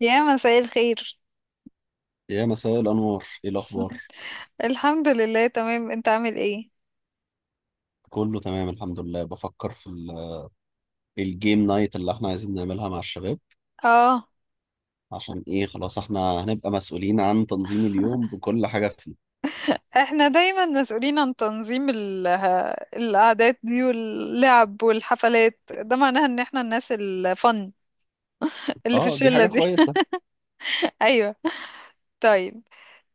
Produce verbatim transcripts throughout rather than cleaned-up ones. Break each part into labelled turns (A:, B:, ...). A: يا مساء الخير.
B: يا مساء الأنوار، إيه الأخبار؟
A: الحمد لله، تمام. انت عامل ايه؟
B: كله تمام الحمد لله. بفكر في ال- الجيم نايت اللي احنا عايزين نعملها مع الشباب،
A: اه.
B: عشان إيه؟ خلاص احنا هنبقى مسؤولين عن تنظيم اليوم بكل حاجة فيه.
A: احنا دايما مسؤولين عن تنظيم ال- ها- الاعداد دي واللعب والحفلات، ده معناها ان احنا الناس الفن اللي في
B: اه، دي
A: الشلة
B: حاجة
A: دي.
B: كويسة.
A: ايوه. طيب،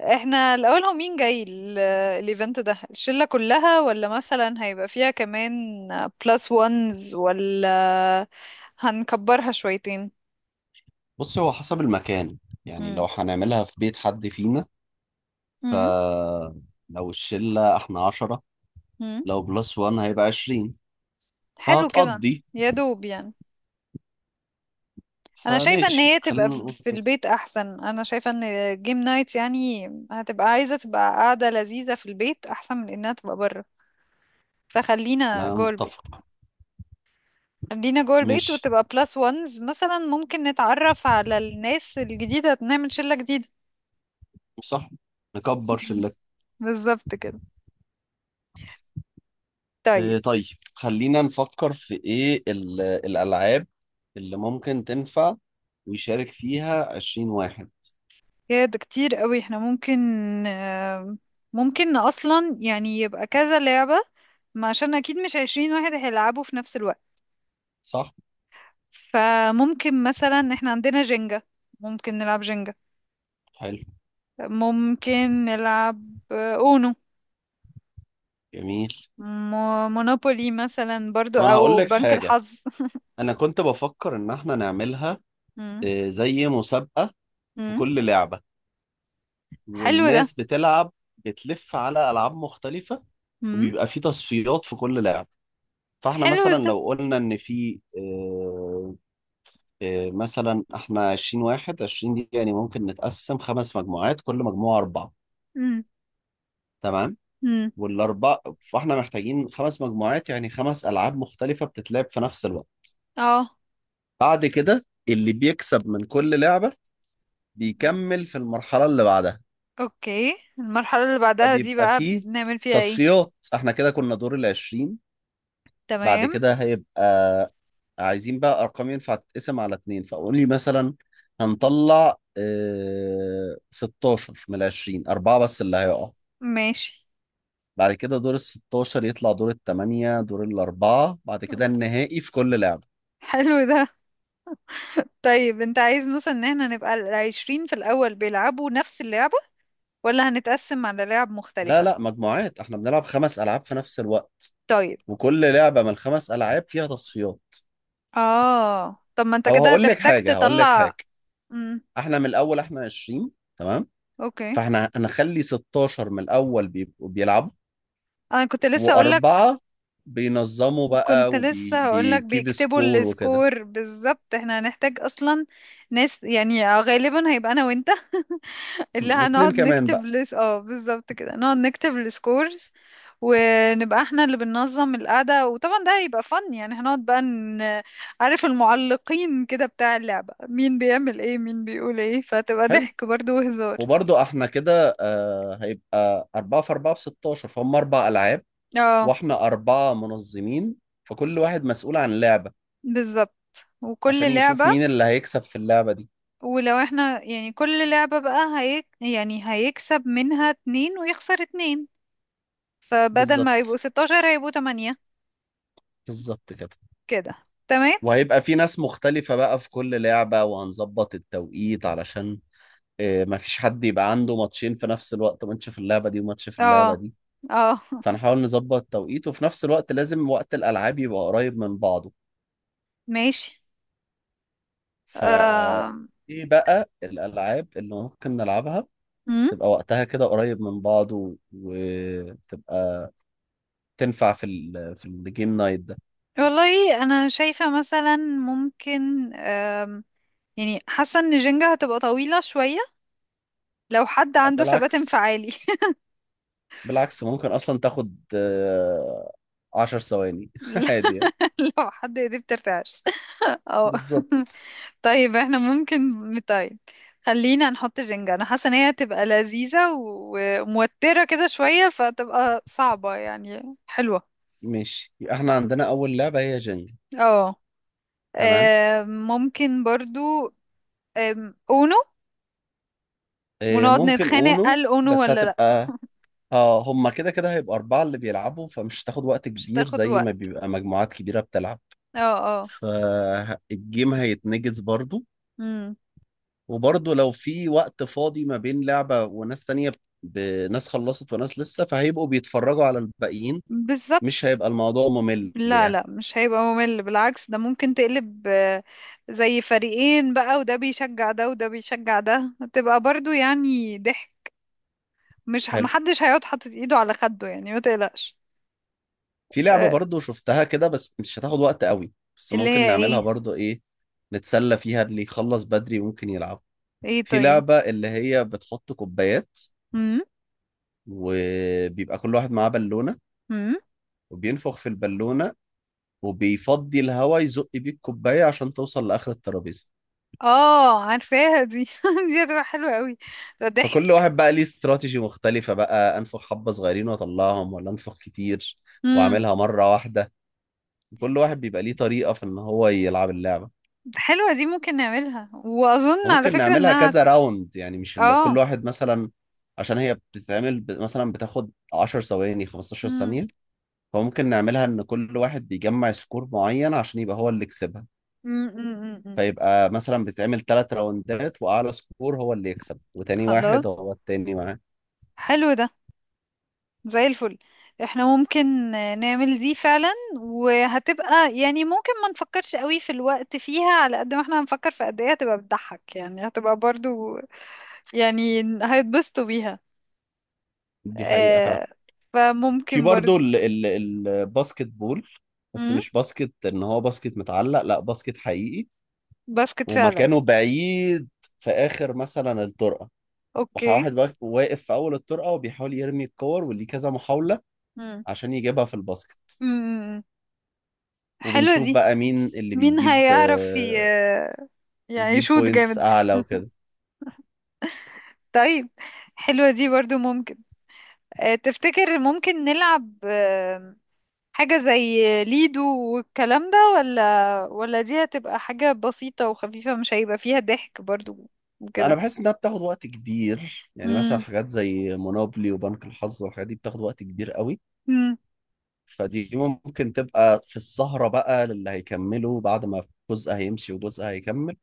A: احنا الاول، هو مين جاي ال- الايفنت ده؟ الشلة كلها ولا مثلا هيبقى فيها كمان بلس وانز، ولا هنكبرها شويتين؟
B: بص، هو حسب المكان، يعني
A: مم.
B: لو هنعملها في بيت حد فينا.
A: مم.
B: فلو الشلة احنا عشرة،
A: مم.
B: لو بلس وان هيبقى عشرين،
A: حلو كده.
B: فهتقضي.
A: يا دوب يعني. انا شايفه ان
B: فماشي،
A: هي تبقى
B: خلينا
A: في
B: نقول
A: في
B: كده.
A: البيت احسن. انا شايفه ان جيم نايت يعني هتبقى عايزه تبقى قاعده لذيذه في البيت احسن من انها تبقى بره، فخلينا
B: أنا
A: جوه البيت.
B: متفق.
A: خلينا جوه البيت
B: ماشي،
A: وتبقى بلس وانز مثلا، ممكن نتعرف على الناس الجديده، نعمل شله جديده.
B: صح، نكبر
A: مم.
B: شلتنا.
A: بالظبط كده. طيب،
B: آه، طيب، خلينا نفكر في ايه ال- الالعاب اللي ممكن تنفع ويشارك فيها عشرين واحد.
A: يا ده كتير قوي. احنا ممكن آم، ممكن اصلا يعني يبقى كذا لعبه، ما عشان اكيد مش عشرين واحد هيلعبوا في نفس الوقت.
B: صح.
A: فممكن مثلا احنا عندنا جينجا، ممكن نلعب جينجا.
B: حلو.
A: ممكن نلعب آه، اونو.
B: جميل.
A: مو- مونوبولي مثلا برضو،
B: طب انا هقول
A: او
B: لك
A: بنك
B: حاجة،
A: الحظ.
B: انا كنت بفكر ان احنا نعملها
A: مم.
B: آه، زي مسابقة في
A: مم.
B: كل لعبة،
A: حلو ده.
B: والناس بتلعب بتلف على ألعاب مختلفة،
A: مم.
B: وبيبقى في تصفيات في كل لعبة. فاحنا
A: حلو
B: مثلا
A: ده.
B: لو قلنا إن في آه، إيه، مثلا احنا عشرين واحد، عشرين دي يعني ممكن نتقسم خمس مجموعات، كل مجموعة أربعة.
A: مم.
B: تمام.
A: مم.
B: والأربعة، فاحنا محتاجين خمس مجموعات، يعني خمس ألعاب مختلفة بتتلعب في نفس الوقت.
A: اه.
B: بعد كده اللي بيكسب من كل لعبة بيكمل في المرحلة اللي بعدها.
A: اوكي، المرحلة اللي بعدها دي
B: فبيبقى
A: بقى
B: فيه
A: بنعمل فيها ايه؟
B: تصفيات، احنا كده كنا دور ال عشرين. بعد
A: تمام.
B: كده هيبقى عايزين بقى أرقام ينفع تتقسم على اتنين، فقول لي مثلا هنطلع اه ستاشر من ال عشرين، أربعة بس اللي هيقع.
A: ماشي.
B: بعد كده دور ال ستة عشر يطلع دور الثمانية، دور الأربعة، بعد كده النهائي في كل لعبة.
A: حلو ده. طيب، انت عايز مثلا ان احنا نبقى العشرين في الاول بيلعبوا نفس اللعبة ولا هنتقسم على لعب
B: لا
A: مختلفة؟
B: لا مجموعات، احنا بنلعب خمس ألعاب في نفس الوقت،
A: طيب.
B: وكل لعبة من الخمس ألعاب فيها تصفيات.
A: اه. طب ما انت
B: أو
A: كده
B: هقول لك
A: هتحتاج
B: حاجة هقول لك حاجة
A: تطلع. امم
B: احنا من الأول احنا عشرين، تمام.
A: اوكي.
B: فاحنا هنخلي ستاشر من الأول بيبقوا بيلعبوا،
A: انا كنت لسه اقولك.
B: وأربعة بينظموا بقى
A: كنت لسه هقولك
B: وبيكيب
A: بيكتبوا
B: سكور وكده،
A: السكور بالظبط. احنا هنحتاج اصلا ناس، يعني غالبا هيبقى انا وانت. اللي
B: واتنين
A: هنقعد
B: كمان
A: نكتب
B: بقى.
A: لس اه بالظبط كده نقعد نكتب السكورز، ونبقى احنا اللي بننظم القعدة، وطبعا ده هيبقى فن يعني. هنقعد بقى ن... عارف المعلقين كده بتاع اللعبة، مين بيعمل ايه، مين بيقول ايه، فتبقى
B: حلو.
A: ضحك برضو وهزار.
B: وبرضو احنا كده آه هيبقى أربعة في أربعة ب ستة عشر، فهم أربع ألعاب،
A: اه،
B: واحنا أربعة منظمين، فكل واحد مسؤول عن لعبة
A: بالظبط. وكل
B: عشان يشوف
A: لعبة،
B: مين اللي هيكسب في اللعبة دي.
A: ولو احنا يعني كل لعبة بقى هيك يعني هيكسب منها اتنين ويخسر اتنين، فبدل ما يبقوا
B: بالظبط،
A: ستاشر هيبقوا تمانية
B: بالظبط كده.
A: كده. تمام.
B: وهيبقى في ناس مختلفة بقى في كل لعبة، وهنظبط التوقيت علشان آه، مفيش حد يبقى عنده ماتشين في نفس الوقت، ماتش في اللعبة دي وماتش في اللعبة
A: اه.
B: دي.
A: اه.
B: فنحاول نظبط التوقيت، وفي نفس الوقت لازم وقت الألعاب يبقى قريب من بعضه.
A: ماشي.
B: ف
A: آم،
B: ايه بقى الألعاب اللي ممكن نلعبها
A: مم.
B: تبقى وقتها كده قريب من بعضه، وتبقى تنفع في ال في الجيم نايت ده.
A: والله انا شايفة مثلا ممكن آم، يعني حاسة ان جينجا هتبقى طويلة شوية لو حد
B: لا،
A: عنده ثبات
B: بالعكس،
A: انفعالي.
B: بالعكس ممكن اصلا تاخد آه، عشر ثواني عادي يعني.
A: لو حد ايديه بترتعش. اه.
B: بالظبط.
A: طيب، احنا ممكن. طيب، خلينا نحط جينجا. انا حاسه ان هي هتبقى لذيذه و- وموتره كده شويه، فتبقى صعبه يعني، حلوه.
B: ماشي، يبقى احنا عندنا اول لعبة هي جنجل.
A: اه.
B: تمام.
A: آم، ممكن برضو آم، اونو.
B: آه،
A: ونقعد
B: ممكن
A: نتخانق
B: اونو
A: قال اونو
B: بس
A: ولا لا.
B: هتبقى، اه، هما كده كده هيبقى أربعة اللي بيلعبوا، فمش هتاخد وقت
A: مش
B: كبير
A: تاخد
B: زي ما
A: وقت.
B: بيبقى مجموعات كبيرة بتلعب.
A: اه. اه.
B: فالجيم هيتنجز برضو.
A: امم
B: وبرضه لو في وقت فاضي ما بين لعبة وناس تانية، ب- ناس خلصت وناس لسه، فهيبقوا بيتفرجوا على الباقيين. مش
A: بالظبط.
B: هيبقى الموضوع ممل
A: لا
B: يعني.
A: لا، مش هيبقى ممل، بالعكس. ده ممكن تقلب آه، زي فريقين بقى، وده بيشجع ده وده بيشجع ده، هتبقى برضو يعني ضحك. مش ه-
B: حلو.
A: محدش هيقعد حاطط ايده على خده يعني، ما تقلقش.
B: في لعبة
A: آه،
B: برضه شفتها كده، بس مش هتاخد وقت قوي، بس
A: اللي
B: ممكن
A: هي
B: نعملها
A: ايه؟
B: برضه، ايه، نتسلى فيها، اللي يخلص بدري ممكن يلعب.
A: ايه؟
B: في
A: طيب.
B: لعبة اللي هي بتحط كوبايات،
A: امم
B: وبيبقى كل واحد معاه بالونة،
A: امم
B: وبينفخ في البالونة، وبيفضي الهواء يزق بيه الكوباية عشان توصل لآخر الترابيزة.
A: اه، عارفاها دي. دي هتبقى حلوة قوي، تبقى
B: فكل
A: ضحك.
B: واحد بقى ليه استراتيجي مختلفة، بقى أنفخ حبة صغيرين وأطلعهم ولا أنفخ كتير
A: امم
B: وأعملها مرة واحدة. كل واحد بيبقى ليه طريقة في إن هو يلعب اللعبة.
A: حلوة دي، ممكن نعملها، واظن على
B: وممكن
A: فكرة
B: نعملها
A: انها.
B: كذا راوند، يعني مش اللي كل
A: اه
B: واحد مثلا، عشان هي بتتعمل ب- مثلا بتاخد عشر ثواني، خمسة عشر
A: امم
B: ثانية. فممكن نعملها إن كل واحد بيجمع سكور معين عشان يبقى هو اللي يكسبها.
A: امم امم أمم.
B: فيبقى مثلا بتتعمل ثلاث راوندات، وأعلى سكور هو اللي يكسب، وتاني واحد
A: خلاص.
B: هو التاني معاه.
A: حلو ده، زي الفل. احنا ممكن آه، نعمل دي فعلا. وهتبقى يعني، ممكن ما نفكرش قوي في الوقت فيها على قد ما احنا هنفكر في قد ايه هتبقى بتضحك يعني، هتبقى برضو يعني هيتبسطوا بيها.
B: دي حقيقة
A: آه
B: فعلا. في
A: فممكن
B: برضه
A: برضو.
B: ال- ال- الباسكت بول، بس
A: مم؟
B: مش باسكت ان هو باسكت متعلق، لا، باسكت حقيقي
A: باسكت فعلا.
B: ومكانه بعيد في اخر مثلا الطرقه،
A: اوكي.
B: وواحد بقى واقف في اول الطرقه وبيحاول يرمي الكور، وليه كذا محاوله
A: مم.
B: عشان يجيبها في الباسكت.
A: مم. حلوة
B: وبنشوف
A: دي.
B: بقى مين اللي
A: مين
B: بيجيب
A: هيعرف ي...
B: آه،
A: يعني
B: يجيب
A: يشوط
B: بوينتس
A: جامد.
B: اعلى وكده.
A: طيب. حلوة دي برضو ممكن. آه تفتكر ممكن نلعب آه حاجة زي ليدو والكلام ده، ولا ولا دي هتبقى حاجة بسيطة وخفيفة مش هيبقى فيها ضحك برضو
B: لا، انا
A: وكده.
B: بحس انها بتاخد وقت كبير، يعني مثلا
A: مم.
B: حاجات زي مونوبلي وبنك الحظ والحاجات دي بتاخد وقت كبير قوي.
A: مم.
B: فدي ممكن تبقى في السهرة بقى، للي هيكملوا بعد ما جزء هيمشي وجزء هيكمل.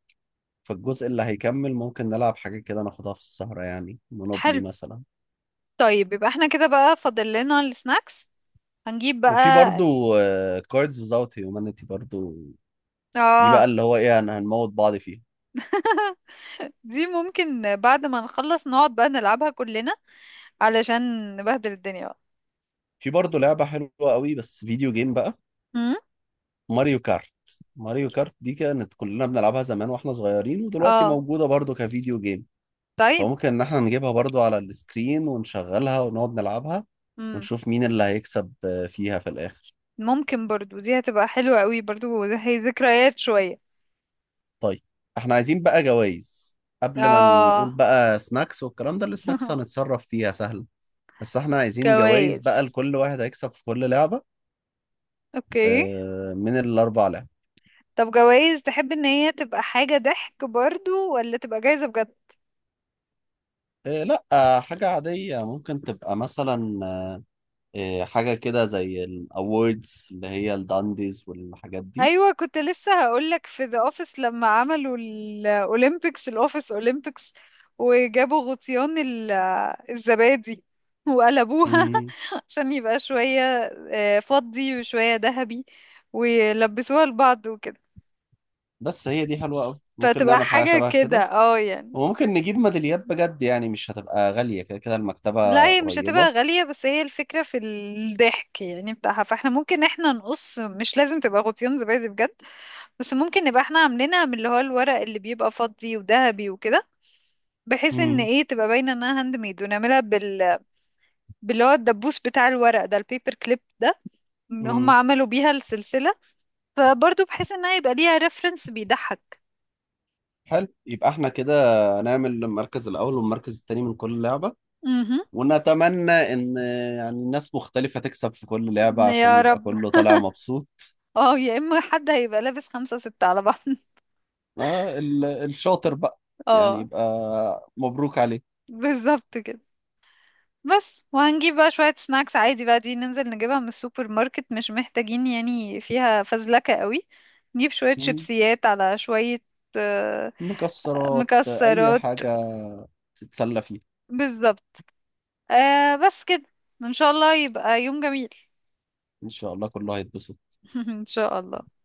B: فالجزء اللي هيكمل ممكن نلعب حاجة كده، ناخدها في السهرة، يعني مونوبلي
A: حلو.
B: مثلا.
A: طيب، يبقى احنا كده بقى فاضل لنا السناكس، هنجيب
B: وفي
A: بقى.
B: برضو كاردز وزاوت هيومانيتي برضو، دي بقى
A: اه.
B: اللي هو ايه، انا هنموت بعض فيها.
A: دي ممكن بعد ما نخلص نقعد بقى نلعبها كلنا علشان نبهدل الدنيا بقى.
B: في برضو لعبة حلوة قوي، بس فيديو جيم بقى،
A: امم
B: ماريو كارت. ماريو كارت دي كانت كلنا بنلعبها زمان واحنا صغيرين، ودلوقتي
A: اه.
B: موجودة برضو كفيديو جيم.
A: طيب.
B: فممكن ان احنا نجيبها برضو على السكرين ونشغلها ونقعد نلعبها،
A: امم
B: ونشوف مين اللي هيكسب آه، فيها في الاخر.
A: ممكن برضو دي هتبقى حلوة قوي برضو، هي ذكريات شوية.
B: طيب، احنا عايزين بقى جوائز. قبل ما نقول
A: اه.
B: بقى سناكس والكلام ده، السناكس هنتصرف فيها سهل. بس احنا عايزين جوائز بقى
A: جوايز؟
B: لكل واحد هيكسب في كل لعبة،
A: اوكي.
B: آه، من الاربع لعب.
A: طب جوايز، تحب ان هي تبقى حاجة ضحك برضو ولا تبقى جايزة بجد؟
B: آه، لا آه، حاجة عادية، ممكن تبقى مثلا آه، حاجة كده زي الاووردز اللي هي الدانديز والحاجات دي.
A: ايوه، كنت لسه هقولك. في ذا اوفيس لما عملوا الاولمبيكس، الاوفيس اولمبيكس، وجابوا غطيان ال- الزبادي وقلبوها.
B: مم،
A: عشان يبقى شويه آه، فضي وشويه ذهبي، ويلبسوها لبعض وكده،
B: بس هي دي حلوة قوي، ممكن
A: فتبقى
B: نعمل حاجة
A: حاجه
B: شبه
A: كده،
B: كده،
A: اه يعني.
B: وممكن نجيب ميداليات بجد، يعني مش هتبقى غالية، كده كده
A: لا،
B: المكتبة
A: هي مش
B: قريبة.
A: هتبقى غاليه، بس هي الفكره في الضحك يعني بتاعها. فاحنا ممكن احنا نقص، مش لازم تبقى غطيان زبادي بجد. بس ممكن نبقى احنا عاملينها من اللي هو الورق اللي بيبقى فضي وذهبي وكده، بحيث ان
B: امم
A: ايه تبقى باينه انها هاند ميد، ونعملها بال باللي هو الدبوس بتاع الورق ده، البيبر كليب ده. هم
B: امم
A: عملوا بيها السلسله، فبرضه بحيث انها يبقى ليها ريفرنس بيضحك.
B: حلو، يبقى احنا كده نعمل المركز الأول والمركز التاني من كل لعبة،
A: امم
B: ونتمنى إن يعني ناس مختلفة تكسب في كل لعبة عشان
A: يا
B: يبقى
A: رب.
B: كله طالع مبسوط.
A: اه، يا اما حد هيبقى لابس خمسة ستة على بعض.
B: آه ال- الشاطر بقى يعني
A: اه،
B: يبقى مبروك عليه.
A: بالظبط كده. بس، وهنجيب بقى شوية سناكس عادي بقى، دي ننزل نجيبها من السوبر ماركت، مش محتاجين يعني فيها فزلكة قوي. نجيب شوية
B: مم.
A: شيبسيات، على شوية آه،
B: مكسرات، أي
A: مكسرات.
B: حاجة تتسلى فيها.
A: بالظبط. آه بس كده، ان شاء الله يبقى يوم جميل.
B: إن شاء الله كله هيتبسط.
A: ان شاء الله.